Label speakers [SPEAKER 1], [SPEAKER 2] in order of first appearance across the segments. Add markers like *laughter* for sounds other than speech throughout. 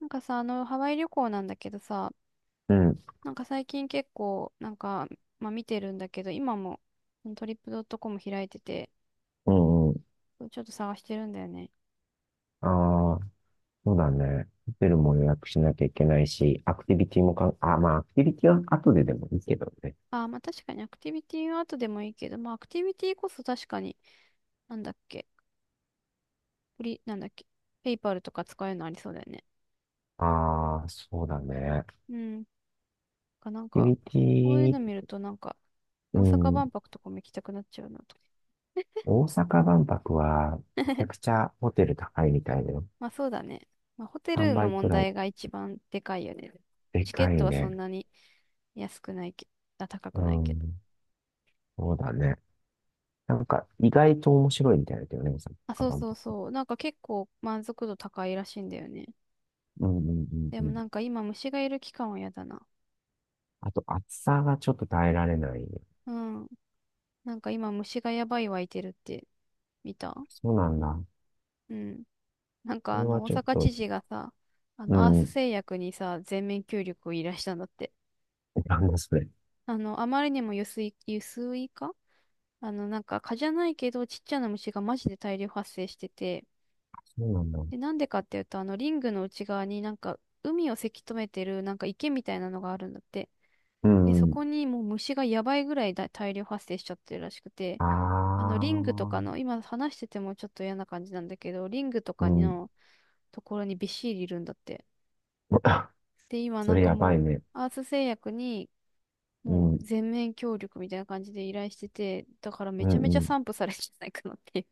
[SPEAKER 1] なんかさ、ハワイ旅行なんだけどさ、
[SPEAKER 2] うん、
[SPEAKER 1] なんか最近結構、なんか、まあ見てるんだけど、今もトリップドットコム開いてて、
[SPEAKER 2] うんうん。
[SPEAKER 1] ちょっと探してるんだよね。
[SPEAKER 2] ああ、そうだね。ホテルも予約しなきゃいけないし、アクティビティもあ、まあ、アクティビティは後ででもいいけどね。
[SPEAKER 1] あー、まあ確かにアクティビティは後でもいいけど、まあアクティビティこそ確かに、なんだっけ、フリ、なんだっけ、ペイパルとか使えるのありそうだよね。
[SPEAKER 2] ああ、そうだね。アク
[SPEAKER 1] うん。かなん
[SPEAKER 2] ティ
[SPEAKER 1] か、
[SPEAKER 2] ビテ
[SPEAKER 1] こういう
[SPEAKER 2] ィ、
[SPEAKER 1] の見るとなんか、
[SPEAKER 2] う
[SPEAKER 1] 大阪
[SPEAKER 2] ん。
[SPEAKER 1] 万博とかも行きたくなっちゃうなと。
[SPEAKER 2] 大阪万博は、めちゃく
[SPEAKER 1] *laughs*
[SPEAKER 2] ちゃホテル高いみたいだよ。
[SPEAKER 1] まあそうだね。まあホテ
[SPEAKER 2] 3
[SPEAKER 1] ルの
[SPEAKER 2] 倍く
[SPEAKER 1] 問
[SPEAKER 2] らい。
[SPEAKER 1] 題が一番でかいよね。
[SPEAKER 2] で
[SPEAKER 1] チケッ
[SPEAKER 2] かい
[SPEAKER 1] トはそん
[SPEAKER 2] ね。
[SPEAKER 1] なに安くないけ、あ、高
[SPEAKER 2] う
[SPEAKER 1] くないけど。
[SPEAKER 2] ん。そうだね。なんか、意外と面白いみたいだけどね、大
[SPEAKER 1] あ、
[SPEAKER 2] 阪
[SPEAKER 1] そう
[SPEAKER 2] 万
[SPEAKER 1] そう
[SPEAKER 2] 博。
[SPEAKER 1] そう。なんか結構満足度高いらしいんだよね。
[SPEAKER 2] うんうんう
[SPEAKER 1] で
[SPEAKER 2] んう
[SPEAKER 1] も
[SPEAKER 2] ん。
[SPEAKER 1] なんか今虫がいる期間は嫌だな。
[SPEAKER 2] あと、暑さがちょっと耐えられない。
[SPEAKER 1] うん。なんか今虫がやばい湧いてるって見た。
[SPEAKER 2] そうなんだ。
[SPEAKER 1] うん。なん
[SPEAKER 2] そ
[SPEAKER 1] か
[SPEAKER 2] れ
[SPEAKER 1] あ
[SPEAKER 2] は
[SPEAKER 1] の大
[SPEAKER 2] ちょっ
[SPEAKER 1] 阪知
[SPEAKER 2] と、
[SPEAKER 1] 事がさ、あ
[SPEAKER 2] う
[SPEAKER 1] のアース
[SPEAKER 2] ん。
[SPEAKER 1] 製薬にさ、全面協力を依頼したんだって。
[SPEAKER 2] なんだそれ。
[SPEAKER 1] あまりにも輸水化、なんか蚊じゃないけど、ちっちゃな虫がマジで大量発生してて、
[SPEAKER 2] そうなんだ。
[SPEAKER 1] で、なんでかっていうと、あの、リングの内側になんか、海をせき止めてる、なんか池みたいなのがあるんだって。
[SPEAKER 2] う
[SPEAKER 1] で、そ
[SPEAKER 2] ん、
[SPEAKER 1] こにもう虫がやばいぐらいだ大量発生しちゃってるらしくて、
[SPEAKER 2] あ
[SPEAKER 1] あの、リングと
[SPEAKER 2] あ、
[SPEAKER 1] かの、今話しててもちょっと嫌な感じなんだけど、リングと
[SPEAKER 2] う
[SPEAKER 1] か
[SPEAKER 2] ん、
[SPEAKER 1] のところにびっしりいるんだって。
[SPEAKER 2] *laughs*
[SPEAKER 1] で、今
[SPEAKER 2] そ
[SPEAKER 1] なん
[SPEAKER 2] れ
[SPEAKER 1] か
[SPEAKER 2] やばい
[SPEAKER 1] も
[SPEAKER 2] ね。
[SPEAKER 1] う、アース製薬に、
[SPEAKER 2] う
[SPEAKER 1] もう
[SPEAKER 2] ん、
[SPEAKER 1] 全面協力みたいな感じで依頼してて、だからめ
[SPEAKER 2] う
[SPEAKER 1] ちゃめち
[SPEAKER 2] んう
[SPEAKER 1] ゃ
[SPEAKER 2] ん。
[SPEAKER 1] 散布されるんじゃないかなっていう。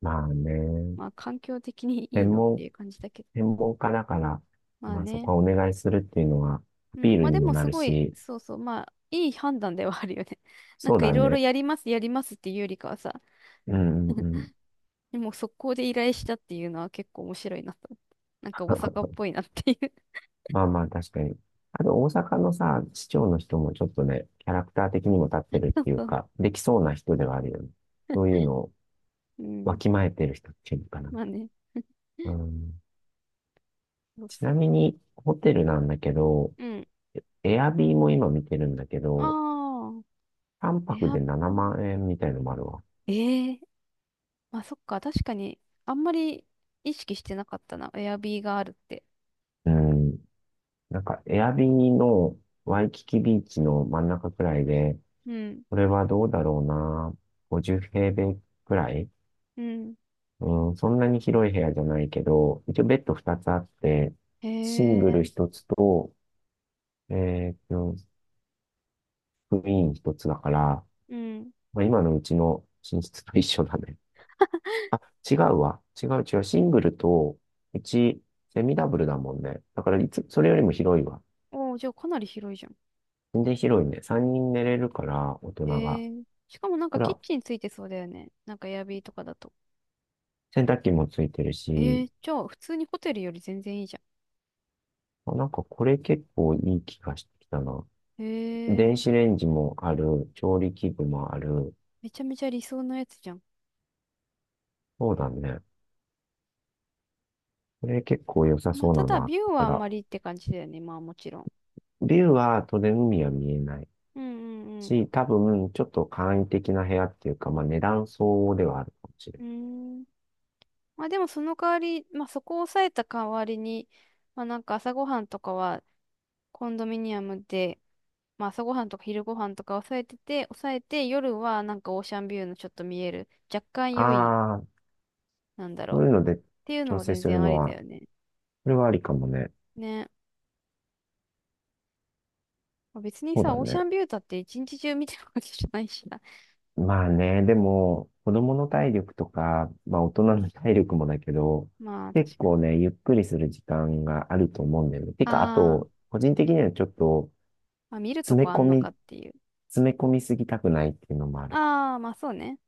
[SPEAKER 2] まあね。
[SPEAKER 1] まあ、環境的にいい
[SPEAKER 2] 専
[SPEAKER 1] のって
[SPEAKER 2] 門、
[SPEAKER 1] いう感じだけど。
[SPEAKER 2] 専門家だから、
[SPEAKER 1] まあ
[SPEAKER 2] まあそ
[SPEAKER 1] ね。
[SPEAKER 2] こはお願いするっていうのは、ア
[SPEAKER 1] う
[SPEAKER 2] ピー
[SPEAKER 1] ん。
[SPEAKER 2] ル
[SPEAKER 1] まあ
[SPEAKER 2] に
[SPEAKER 1] で
[SPEAKER 2] も
[SPEAKER 1] も
[SPEAKER 2] な
[SPEAKER 1] す
[SPEAKER 2] る
[SPEAKER 1] ごい、
[SPEAKER 2] し、
[SPEAKER 1] そうそう。まあ、いい判断ではあるよね。*laughs* なん
[SPEAKER 2] そう
[SPEAKER 1] かい
[SPEAKER 2] だ
[SPEAKER 1] ろいろ
[SPEAKER 2] ね。
[SPEAKER 1] やります、やりますっていうよりかはさ、
[SPEAKER 2] うん、うん、うん。
[SPEAKER 1] でも速攻で依頼したっていうのは結構面白いなと思って。なんか大阪っ
[SPEAKER 2] *laughs*
[SPEAKER 1] ぽいなっていう。
[SPEAKER 2] まあまあ確かに。あと大阪のさ、市長の人もちょっとね、キャラクター的にも立って
[SPEAKER 1] *laughs*
[SPEAKER 2] るっ
[SPEAKER 1] そう
[SPEAKER 2] ていう
[SPEAKER 1] そう。
[SPEAKER 2] か、できそうな人ではあるよね。そういうのを
[SPEAKER 1] う
[SPEAKER 2] わ
[SPEAKER 1] ん。
[SPEAKER 2] きまえてる人っていうのかな。
[SPEAKER 1] まあね。*laughs*
[SPEAKER 2] うん。
[SPEAKER 1] そう
[SPEAKER 2] ちな
[SPEAKER 1] そう。
[SPEAKER 2] みに、ホテルなんだけど、
[SPEAKER 1] うん。
[SPEAKER 2] エアビーも今見てるんだけ
[SPEAKER 1] あ
[SPEAKER 2] ど、
[SPEAKER 1] あ。
[SPEAKER 2] 3
[SPEAKER 1] エ
[SPEAKER 2] 泊
[SPEAKER 1] ア
[SPEAKER 2] で
[SPEAKER 1] ビ
[SPEAKER 2] 7
[SPEAKER 1] ー。
[SPEAKER 2] 万円みたいのもあるわ。
[SPEAKER 1] ええ、まあそっか。確かに、あんまり意識してなかったな。エアビーがあるって。
[SPEAKER 2] うん。なんか、エアビーのワイキキビーチの真ん中くらいで、
[SPEAKER 1] うん。
[SPEAKER 2] これはどうだろうな。50平米くらい、
[SPEAKER 1] うん。
[SPEAKER 2] うん、そんなに広い部屋じゃないけど、一応ベッド2つあって、
[SPEAKER 1] へ
[SPEAKER 2] シングル
[SPEAKER 1] え。
[SPEAKER 2] 1つと、えーと、クイーン1つだから、
[SPEAKER 1] うん。
[SPEAKER 2] まあ、今のうちの寝室と一緒だね。あ、違うわ。違う違う。シングルと、うち、セミダブルだもんね。だから、いつ、それよりも広いわ。
[SPEAKER 1] おお、じゃあかなり広いじゃん。
[SPEAKER 2] 全然広いね。3人寝れるから、大人
[SPEAKER 1] へ
[SPEAKER 2] が。
[SPEAKER 1] え。しかもなん
[SPEAKER 2] ほ
[SPEAKER 1] かキッ
[SPEAKER 2] ら、
[SPEAKER 1] チンついてそうだよね。なんかエアビーとかだと。
[SPEAKER 2] 洗濯機もついてるし、
[SPEAKER 1] ええ。じゃあ普通にホテルより全然いいじゃ
[SPEAKER 2] あ、なんかこれ結構いい気がしてきたな。
[SPEAKER 1] ん。へ
[SPEAKER 2] 電
[SPEAKER 1] え。
[SPEAKER 2] 子レンジもある、調理器具もある。
[SPEAKER 1] めちゃめちゃ理想のやつじゃん。
[SPEAKER 2] そうだね。これ結構良さ
[SPEAKER 1] まあ
[SPEAKER 2] そう
[SPEAKER 1] た
[SPEAKER 2] だ
[SPEAKER 1] だ
[SPEAKER 2] な。
[SPEAKER 1] ビュー
[SPEAKER 2] だ
[SPEAKER 1] は
[SPEAKER 2] か
[SPEAKER 1] あん
[SPEAKER 2] ら、
[SPEAKER 1] まりって感じだよね。まあもちろん。
[SPEAKER 2] ビューは当然海は見えない
[SPEAKER 1] うん、うん、
[SPEAKER 2] し、多分、ちょっと簡易的な部屋っていうか、まあ、値段相応ではあるかもしれ
[SPEAKER 1] う
[SPEAKER 2] な
[SPEAKER 1] ん。
[SPEAKER 2] い。
[SPEAKER 1] うーん。まあでもその代わり、まあそこを抑えた代わりに、まあなんか朝ごはんとかはコンドミニアムで、まあ朝ごはんとか昼ごはんとか抑えてて、抑えて夜はなんかオーシャンビューのちょっと見える、若干良い、
[SPEAKER 2] あ、
[SPEAKER 1] なんだ
[SPEAKER 2] そ
[SPEAKER 1] ろ
[SPEAKER 2] ういうので
[SPEAKER 1] う。ていうの
[SPEAKER 2] 調
[SPEAKER 1] も
[SPEAKER 2] 整
[SPEAKER 1] 全
[SPEAKER 2] する
[SPEAKER 1] 然あ
[SPEAKER 2] の
[SPEAKER 1] りだ
[SPEAKER 2] は、
[SPEAKER 1] よね。
[SPEAKER 2] それはありかもね。
[SPEAKER 1] ね。まあ別に
[SPEAKER 2] そうだ
[SPEAKER 1] さ、オーシ
[SPEAKER 2] ね。
[SPEAKER 1] ャンビューだって一日中見てるわけじゃないしな。
[SPEAKER 2] まあね、でも、子供の体力とか、まあ大人の体力もだけど、
[SPEAKER 1] *laughs* まあ、
[SPEAKER 2] 結
[SPEAKER 1] 確かに。
[SPEAKER 2] 構ね、ゆっくりする時間があると思うんだよね。てか、あ
[SPEAKER 1] ああ、
[SPEAKER 2] と、個人的にはちょっと、
[SPEAKER 1] まあ見ると
[SPEAKER 2] 詰め
[SPEAKER 1] こあ
[SPEAKER 2] 込
[SPEAKER 1] んのか
[SPEAKER 2] み、
[SPEAKER 1] っていう。
[SPEAKER 2] 詰め込みすぎたくないっていうのもある。
[SPEAKER 1] ああ、まあそうね。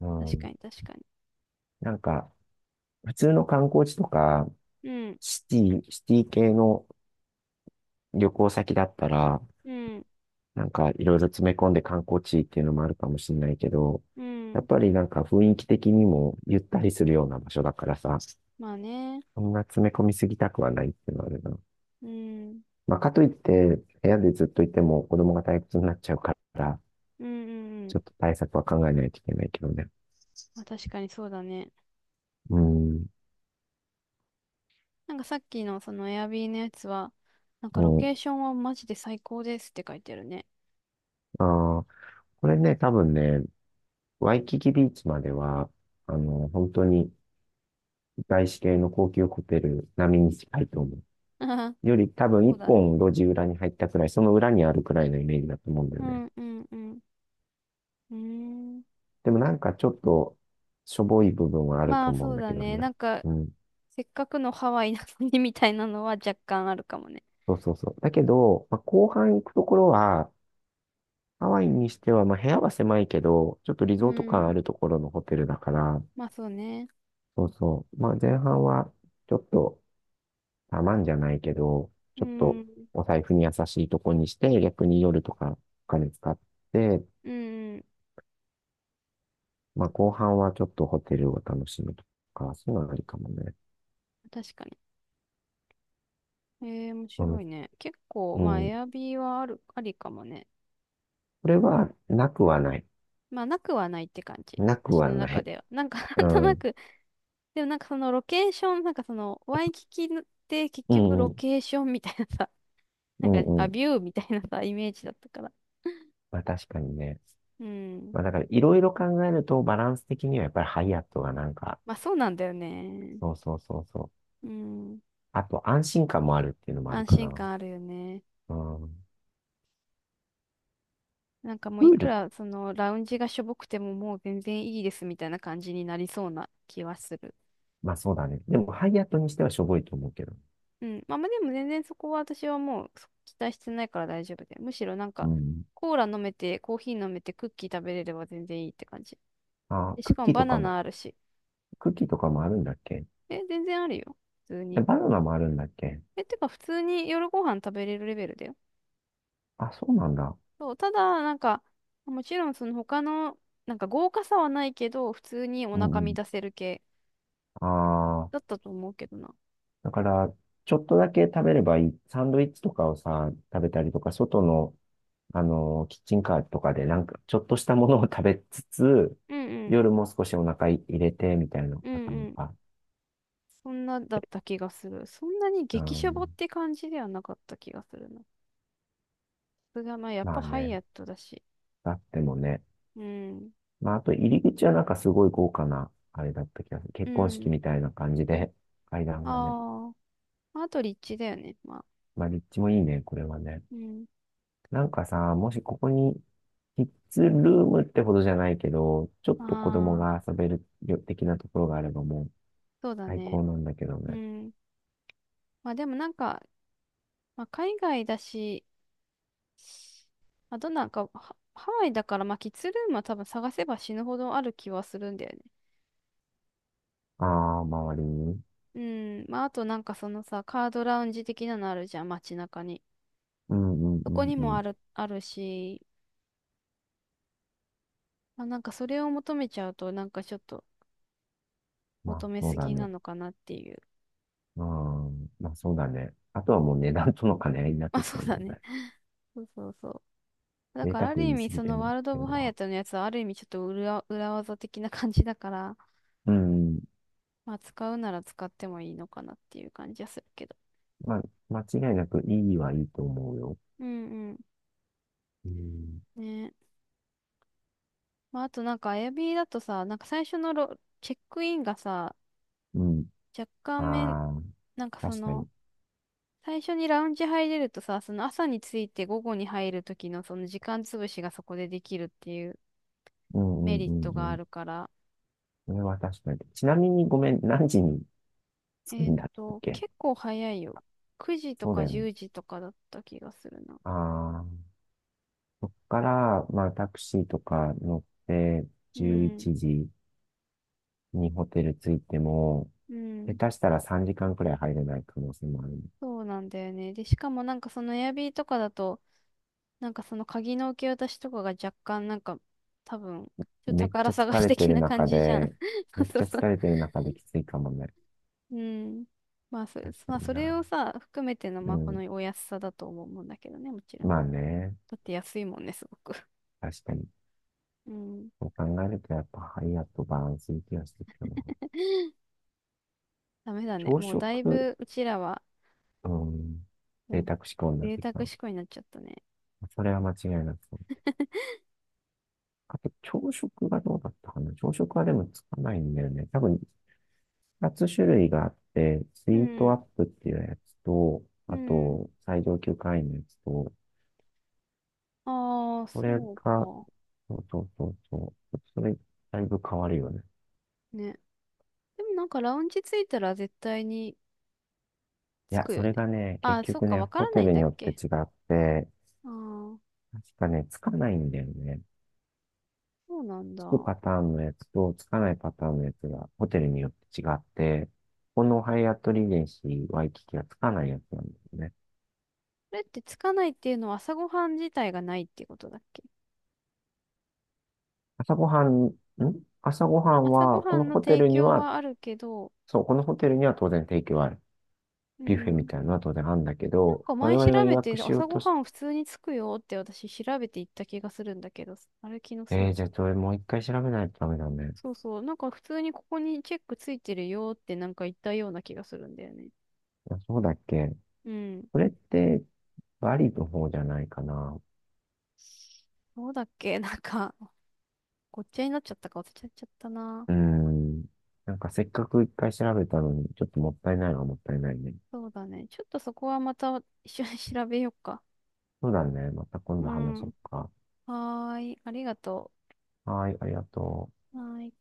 [SPEAKER 2] う
[SPEAKER 1] 確
[SPEAKER 2] ん。
[SPEAKER 1] かに、確かに。
[SPEAKER 2] なんか、普通の観光地とか、
[SPEAKER 1] うん、
[SPEAKER 2] シテシティ系の旅行先だったら、
[SPEAKER 1] うん、
[SPEAKER 2] なんかいろいろ詰め込んで観光地っていうのもあるかもしれないけど、
[SPEAKER 1] う
[SPEAKER 2] やっ
[SPEAKER 1] ん。
[SPEAKER 2] ぱりなんか雰囲気的にもゆったりするような場所だからさ、
[SPEAKER 1] まあね。
[SPEAKER 2] そんな詰め込みすぎたくはないっていうのはあるな。
[SPEAKER 1] うん、うん、
[SPEAKER 2] まあ、かといって、部屋でずっといても子供が退屈になっちゃうから、
[SPEAKER 1] うん。う
[SPEAKER 2] ち
[SPEAKER 1] ん。
[SPEAKER 2] ょっと対策は考えないといけないけどね。
[SPEAKER 1] まあ確かにそうだね。
[SPEAKER 2] うん。
[SPEAKER 1] なんかさっきのそのエアビーのやつは、なん
[SPEAKER 2] う
[SPEAKER 1] かロ
[SPEAKER 2] ん。
[SPEAKER 1] ケーションはマジで最高ですって書いてるね。
[SPEAKER 2] ああ、これね、多分ね、ワイキキビーチまでは、本当に外資系の高級ホテル並みに近いと思う。
[SPEAKER 1] *laughs*
[SPEAKER 2] より多分
[SPEAKER 1] そ
[SPEAKER 2] 一
[SPEAKER 1] うだね。
[SPEAKER 2] 本路地裏に入ったくらい、その裏にあるくらいのイメージだと思うんだ
[SPEAKER 1] う
[SPEAKER 2] よね。
[SPEAKER 1] ん、うん、うん。うーん。
[SPEAKER 2] でもなんかちょっとしょぼい部分はある
[SPEAKER 1] ま
[SPEAKER 2] と
[SPEAKER 1] あ
[SPEAKER 2] 思うん
[SPEAKER 1] そう
[SPEAKER 2] だけ
[SPEAKER 1] だ
[SPEAKER 2] ど
[SPEAKER 1] ね。
[SPEAKER 2] ね。
[SPEAKER 1] なんか、
[SPEAKER 2] うん。
[SPEAKER 1] せっかくのハワイなのにみたいなのは若干あるかもね。
[SPEAKER 2] そうそうそう。だけど、まあ、後半行くところは、ハワイにしては、まあ、部屋は狭いけど、ちょっとリ
[SPEAKER 1] う
[SPEAKER 2] ゾート感あ
[SPEAKER 1] ん。
[SPEAKER 2] るところのホテルだから、
[SPEAKER 1] まあそうね。
[SPEAKER 2] そうそう。まあ、前半は、ちょっと、たまんじゃないけど、
[SPEAKER 1] う
[SPEAKER 2] ちょっと、
[SPEAKER 1] ん。
[SPEAKER 2] お財布に優しいとこにして、逆に夜とかお金使って、
[SPEAKER 1] うん。
[SPEAKER 2] まあ、後半はちょっとホテルを楽しむとか、そういうのはありかもね。
[SPEAKER 1] 確かに。えー、面
[SPEAKER 2] う
[SPEAKER 1] 白
[SPEAKER 2] ん。
[SPEAKER 1] いね。結構、
[SPEAKER 2] う
[SPEAKER 1] まあ、
[SPEAKER 2] ん、
[SPEAKER 1] エアビーはある、ありかもね。
[SPEAKER 2] これは、なくはない。
[SPEAKER 1] まあ、なくはないって感じ。
[SPEAKER 2] なく
[SPEAKER 1] 私
[SPEAKER 2] は
[SPEAKER 1] の
[SPEAKER 2] な
[SPEAKER 1] 中
[SPEAKER 2] い。
[SPEAKER 1] では。なんか、*laughs* な
[SPEAKER 2] う
[SPEAKER 1] んとな
[SPEAKER 2] ん。
[SPEAKER 1] く、でもなんかそのロケーション、なんかその、ワイキキって結
[SPEAKER 2] う
[SPEAKER 1] 局
[SPEAKER 2] ん、う
[SPEAKER 1] ロ
[SPEAKER 2] ん。
[SPEAKER 1] ケーションみたいなさ、*laughs* な
[SPEAKER 2] う
[SPEAKER 1] んか、
[SPEAKER 2] んう
[SPEAKER 1] ア
[SPEAKER 2] ん。
[SPEAKER 1] ビューみたいなさ、イメージだったから。
[SPEAKER 2] まあ、確かにね。
[SPEAKER 1] うん。
[SPEAKER 2] まあ、だから、いろいろ考えると、バランス的にはやっぱりハイアットがなんか、
[SPEAKER 1] まあそうなんだよね。
[SPEAKER 2] そうそうそうそう。
[SPEAKER 1] うん。
[SPEAKER 2] あと、安心感もあるっていうのもある
[SPEAKER 1] 安
[SPEAKER 2] か
[SPEAKER 1] 心
[SPEAKER 2] な。
[SPEAKER 1] 感あるよね。
[SPEAKER 2] うん。
[SPEAKER 1] なんかもう
[SPEAKER 2] プ
[SPEAKER 1] い
[SPEAKER 2] ー
[SPEAKER 1] く
[SPEAKER 2] ル、
[SPEAKER 1] らそのラウンジがしょぼくてももう全然いいですみたいな感じになりそうな気はする。
[SPEAKER 2] まあそうだね。でも、ハイアットにしてはしょぼいと思うけど。
[SPEAKER 1] うん。まあまあでも全然そこは私はもう期待してないから大丈夫で。むしろなん
[SPEAKER 2] う
[SPEAKER 1] か
[SPEAKER 2] ん。
[SPEAKER 1] コーラ飲めてコーヒー飲めてクッキー食べれれば全然いいって感じ。
[SPEAKER 2] あー、
[SPEAKER 1] で、し
[SPEAKER 2] クッ
[SPEAKER 1] か
[SPEAKER 2] キ
[SPEAKER 1] も
[SPEAKER 2] ー
[SPEAKER 1] バ
[SPEAKER 2] とか
[SPEAKER 1] ナ
[SPEAKER 2] も、
[SPEAKER 1] ナあるし。
[SPEAKER 2] クッキーとかもあるんだっけ？
[SPEAKER 1] え、全然あるよ。普通
[SPEAKER 2] え
[SPEAKER 1] に。
[SPEAKER 2] バナナもあるんだっけ？
[SPEAKER 1] え、てか普通に夜ご飯食べれるレベルだよ。
[SPEAKER 2] あ、そうなんだ。
[SPEAKER 1] そう。ただなんかもちろんその他のなんか豪華さはないけど普通にお
[SPEAKER 2] う
[SPEAKER 1] 腹
[SPEAKER 2] んう
[SPEAKER 1] 満
[SPEAKER 2] ん。
[SPEAKER 1] たせる系
[SPEAKER 2] あ
[SPEAKER 1] だっ
[SPEAKER 2] あ、
[SPEAKER 1] たと思うけどな。
[SPEAKER 2] だから、ちょっとだけ食べればいい。サンドイッチとかをさ、食べたりとか、外の、キッチンカーとかで、なんか、ちょっとしたものを食べつつ、
[SPEAKER 1] うんうん。
[SPEAKER 2] 夜も少しお腹い入れて、みたいな
[SPEAKER 1] うん
[SPEAKER 2] パターン
[SPEAKER 1] うん。
[SPEAKER 2] か。
[SPEAKER 1] そんなだった気がする。そんなに
[SPEAKER 2] う
[SPEAKER 1] 激シャボっ
[SPEAKER 2] ん、
[SPEAKER 1] て感じではなかった気がするな。それがまあやっ
[SPEAKER 2] ま
[SPEAKER 1] ぱ
[SPEAKER 2] あ
[SPEAKER 1] ハイ
[SPEAKER 2] ね、
[SPEAKER 1] アットだし。
[SPEAKER 2] だってもね。
[SPEAKER 1] うん。
[SPEAKER 2] まあ、あと、入り口はなんかすごい豪華な、あれだった気がする。
[SPEAKER 1] う
[SPEAKER 2] 結婚式
[SPEAKER 1] ん。
[SPEAKER 2] みたいな感じで、階段がね。
[SPEAKER 1] ああ。まああと立地だよね。まあ。
[SPEAKER 2] まあ、立地もいいね、これはね。
[SPEAKER 1] うん。
[SPEAKER 2] なんかさ、もしここに、キッズルームってほどじゃないけど、ちょっと子供
[SPEAKER 1] あ
[SPEAKER 2] が
[SPEAKER 1] あ。
[SPEAKER 2] 遊べるよ的なところがあればもう
[SPEAKER 1] そうだ
[SPEAKER 2] 最
[SPEAKER 1] ね。
[SPEAKER 2] 高なんだけど
[SPEAKER 1] う
[SPEAKER 2] ね。
[SPEAKER 1] ん。まあでもなんか、まあ海外だし、あとなんかハワイだからまあキッズルームは多分探せば死ぬほどある気はするんだよね。
[SPEAKER 2] ああ、周りに。
[SPEAKER 1] うん。まああとなんかそのさ、カードラウンジ的なのあるじゃん、街中に。
[SPEAKER 2] うんうん
[SPEAKER 1] そ
[SPEAKER 2] う
[SPEAKER 1] こ
[SPEAKER 2] ん
[SPEAKER 1] に
[SPEAKER 2] う
[SPEAKER 1] も
[SPEAKER 2] ん。
[SPEAKER 1] ある、あるし、まあ、なんかそれを求めちゃうと、なんかちょっと
[SPEAKER 2] まあ、
[SPEAKER 1] 求め
[SPEAKER 2] そう
[SPEAKER 1] す
[SPEAKER 2] だ
[SPEAKER 1] ぎ
[SPEAKER 2] ね。
[SPEAKER 1] なのかなっていう。*laughs*
[SPEAKER 2] うん、まあそうだね。あとはもう値段との兼ね合いになっ
[SPEAKER 1] ま
[SPEAKER 2] て
[SPEAKER 1] あ、
[SPEAKER 2] きち
[SPEAKER 1] そ
[SPEAKER 2] ゃう
[SPEAKER 1] う
[SPEAKER 2] も
[SPEAKER 1] だ
[SPEAKER 2] ん
[SPEAKER 1] ね。
[SPEAKER 2] ね。
[SPEAKER 1] *laughs* そうそうそう。だ
[SPEAKER 2] 贅
[SPEAKER 1] から
[SPEAKER 2] 沢
[SPEAKER 1] ある意
[SPEAKER 2] 言い
[SPEAKER 1] 味、
[SPEAKER 2] すぎ
[SPEAKER 1] そ
[SPEAKER 2] て
[SPEAKER 1] の
[SPEAKER 2] もっ
[SPEAKER 1] ワールド・オ
[SPEAKER 2] てい
[SPEAKER 1] ブ・
[SPEAKER 2] うの
[SPEAKER 1] ハイア
[SPEAKER 2] は。
[SPEAKER 1] ットのやつはある意味ちょっと裏技的な感じだから、
[SPEAKER 2] うん。
[SPEAKER 1] まあ使うなら使ってもいいのかなっていう感じはするけど。
[SPEAKER 2] まあ、間違いなくいいはいいと思うよ。
[SPEAKER 1] うん
[SPEAKER 2] うん。
[SPEAKER 1] うん。ね。まああとなんか Airbnb だとさ、なんか最初のロチェックインがさ、
[SPEAKER 2] うん。
[SPEAKER 1] 若干め、
[SPEAKER 2] ああ、
[SPEAKER 1] なんかそ
[SPEAKER 2] 確か
[SPEAKER 1] の、
[SPEAKER 2] に。
[SPEAKER 1] 最初にラウンジ入れるとさ、その朝に着いて午後に入る時のその時間潰しがそこでできるっていう。
[SPEAKER 2] うんう
[SPEAKER 1] メ
[SPEAKER 2] んう
[SPEAKER 1] リット
[SPEAKER 2] んう
[SPEAKER 1] があ
[SPEAKER 2] ん。
[SPEAKER 1] るから。
[SPEAKER 2] それは確かに。ちなみにごめん、何時に着く
[SPEAKER 1] えっ
[SPEAKER 2] んだっ
[SPEAKER 1] と、
[SPEAKER 2] け？
[SPEAKER 1] 結構早いよ。9時と
[SPEAKER 2] そうだ
[SPEAKER 1] か
[SPEAKER 2] よ
[SPEAKER 1] 10
[SPEAKER 2] ね。
[SPEAKER 1] 時とかだった気がするな。
[SPEAKER 2] ああ、そっから、まあタクシーとか乗って
[SPEAKER 1] う
[SPEAKER 2] 11
[SPEAKER 1] ん。
[SPEAKER 2] 時にホテル着いても、
[SPEAKER 1] う
[SPEAKER 2] 下
[SPEAKER 1] ん。
[SPEAKER 2] 手したら3時間くらい入れない可能性もある。
[SPEAKER 1] そうなんだよね。で、しかもなんかそのエアビーとかだと、なんかその鍵の受け渡しとかが若干なんか、多分、ちょっと
[SPEAKER 2] めっち
[SPEAKER 1] 宝
[SPEAKER 2] ゃ
[SPEAKER 1] 探
[SPEAKER 2] 疲
[SPEAKER 1] し
[SPEAKER 2] れて
[SPEAKER 1] 的
[SPEAKER 2] る
[SPEAKER 1] な感
[SPEAKER 2] 中
[SPEAKER 1] じじゃん。
[SPEAKER 2] で、
[SPEAKER 1] *laughs* そう
[SPEAKER 2] めっ
[SPEAKER 1] そう
[SPEAKER 2] ちゃ
[SPEAKER 1] そう。
[SPEAKER 2] 疲れてる中できついかもね。
[SPEAKER 1] うん。まあそ、
[SPEAKER 2] 確か
[SPEAKER 1] まあ、
[SPEAKER 2] に
[SPEAKER 1] それ
[SPEAKER 2] な。
[SPEAKER 1] をさ、含めての、
[SPEAKER 2] う
[SPEAKER 1] まあ、こ
[SPEAKER 2] ん。
[SPEAKER 1] のお安さだと思うんだけどね、もちろん。
[SPEAKER 2] まあね。
[SPEAKER 1] だって安いもんね、すごく。
[SPEAKER 2] 確かに。
[SPEAKER 1] うん。
[SPEAKER 2] そう考えるとやっぱハイアットバランスいい気がしてきたな。
[SPEAKER 1] ダメだね。
[SPEAKER 2] 朝
[SPEAKER 1] も
[SPEAKER 2] 食、
[SPEAKER 1] うだいぶ、うちらは、
[SPEAKER 2] うん。贅
[SPEAKER 1] もう
[SPEAKER 2] 沢志向になっ
[SPEAKER 1] 贅
[SPEAKER 2] てき
[SPEAKER 1] 沢思
[SPEAKER 2] た。
[SPEAKER 1] 考になっちゃったね。
[SPEAKER 2] それは間違いなくそう。あと、朝食がどうだったかな、朝食はでもつかないんだよね。多分、二つ種類があって、ス
[SPEAKER 1] う
[SPEAKER 2] イートアッ
[SPEAKER 1] ん。
[SPEAKER 2] プっていうやつと、
[SPEAKER 1] う
[SPEAKER 2] あ
[SPEAKER 1] ん。
[SPEAKER 2] と、最上級会員のやつと、
[SPEAKER 1] ああ、
[SPEAKER 2] これ
[SPEAKER 1] そう
[SPEAKER 2] が、
[SPEAKER 1] か。
[SPEAKER 2] そうそうそうそう。それ、だいぶ変わるよね。
[SPEAKER 1] ね。でもなんかラウンジ着いたら絶対に
[SPEAKER 2] い
[SPEAKER 1] 着
[SPEAKER 2] や、
[SPEAKER 1] く
[SPEAKER 2] そ
[SPEAKER 1] よ
[SPEAKER 2] れ
[SPEAKER 1] ね。
[SPEAKER 2] がね、
[SPEAKER 1] あ
[SPEAKER 2] 結
[SPEAKER 1] あ、そっ
[SPEAKER 2] 局
[SPEAKER 1] か、
[SPEAKER 2] ね、
[SPEAKER 1] わか
[SPEAKER 2] ホ
[SPEAKER 1] ら
[SPEAKER 2] テ
[SPEAKER 1] ない
[SPEAKER 2] ル
[SPEAKER 1] ん
[SPEAKER 2] に
[SPEAKER 1] だっ
[SPEAKER 2] よって
[SPEAKER 1] け？
[SPEAKER 2] 違って、
[SPEAKER 1] ああー、
[SPEAKER 2] 確かね、つかないんだよね。
[SPEAKER 1] そうなん
[SPEAKER 2] つ
[SPEAKER 1] だ。
[SPEAKER 2] くパ
[SPEAKER 1] こ
[SPEAKER 2] ターンのやつと、つかないパターンのやつが、ホテルによって違って、このハイアットリージェンシーワイキキはつかないやつなんですね。
[SPEAKER 1] れって着かないっていうのは朝ごはん自体がないってことだっけ？
[SPEAKER 2] 朝ごはん、ん朝ごはん
[SPEAKER 1] 朝ご
[SPEAKER 2] は、こ
[SPEAKER 1] は
[SPEAKER 2] の
[SPEAKER 1] んの
[SPEAKER 2] ホテ
[SPEAKER 1] 提
[SPEAKER 2] ルに
[SPEAKER 1] 供
[SPEAKER 2] は、
[SPEAKER 1] はあるけど、
[SPEAKER 2] そう、このホテルには当然提供ある。
[SPEAKER 1] う
[SPEAKER 2] ビュッフェみ
[SPEAKER 1] ん。
[SPEAKER 2] たいなのは当然あるんだけ
[SPEAKER 1] なん
[SPEAKER 2] ど、
[SPEAKER 1] か
[SPEAKER 2] 我
[SPEAKER 1] 前調
[SPEAKER 2] 々が予
[SPEAKER 1] べ
[SPEAKER 2] 約
[SPEAKER 1] て
[SPEAKER 2] しよう
[SPEAKER 1] 朝ご
[SPEAKER 2] と
[SPEAKER 1] は
[SPEAKER 2] し、
[SPEAKER 1] ん普通に着くよって私調べて行った気がするんだけど、あれ気のせ
[SPEAKER 2] えー、
[SPEAKER 1] い？
[SPEAKER 2] じゃあそれもう一回調べないとダメだね。
[SPEAKER 1] そうそう。なんか普通にここにチェックついてるよってなんか言ったような気がするんだよね。
[SPEAKER 2] あ、そうだっけ？
[SPEAKER 1] うん。
[SPEAKER 2] それって、バリの方じゃないかな。
[SPEAKER 1] そうだっけ？ *laughs* なんか、ごっちゃになっちゃったか忘れちゃっちゃったな。
[SPEAKER 2] うーん。なんかせっかく一回調べたのに、ちょっともったいないのはもったいないね。
[SPEAKER 1] そうだね。ちょっとそこはまた一緒に調べようか。
[SPEAKER 2] そうだね。また今度
[SPEAKER 1] う
[SPEAKER 2] 話そ
[SPEAKER 1] ん。
[SPEAKER 2] うか。
[SPEAKER 1] はーい。ありがと
[SPEAKER 2] はい、ありがとう。
[SPEAKER 1] う。はーい。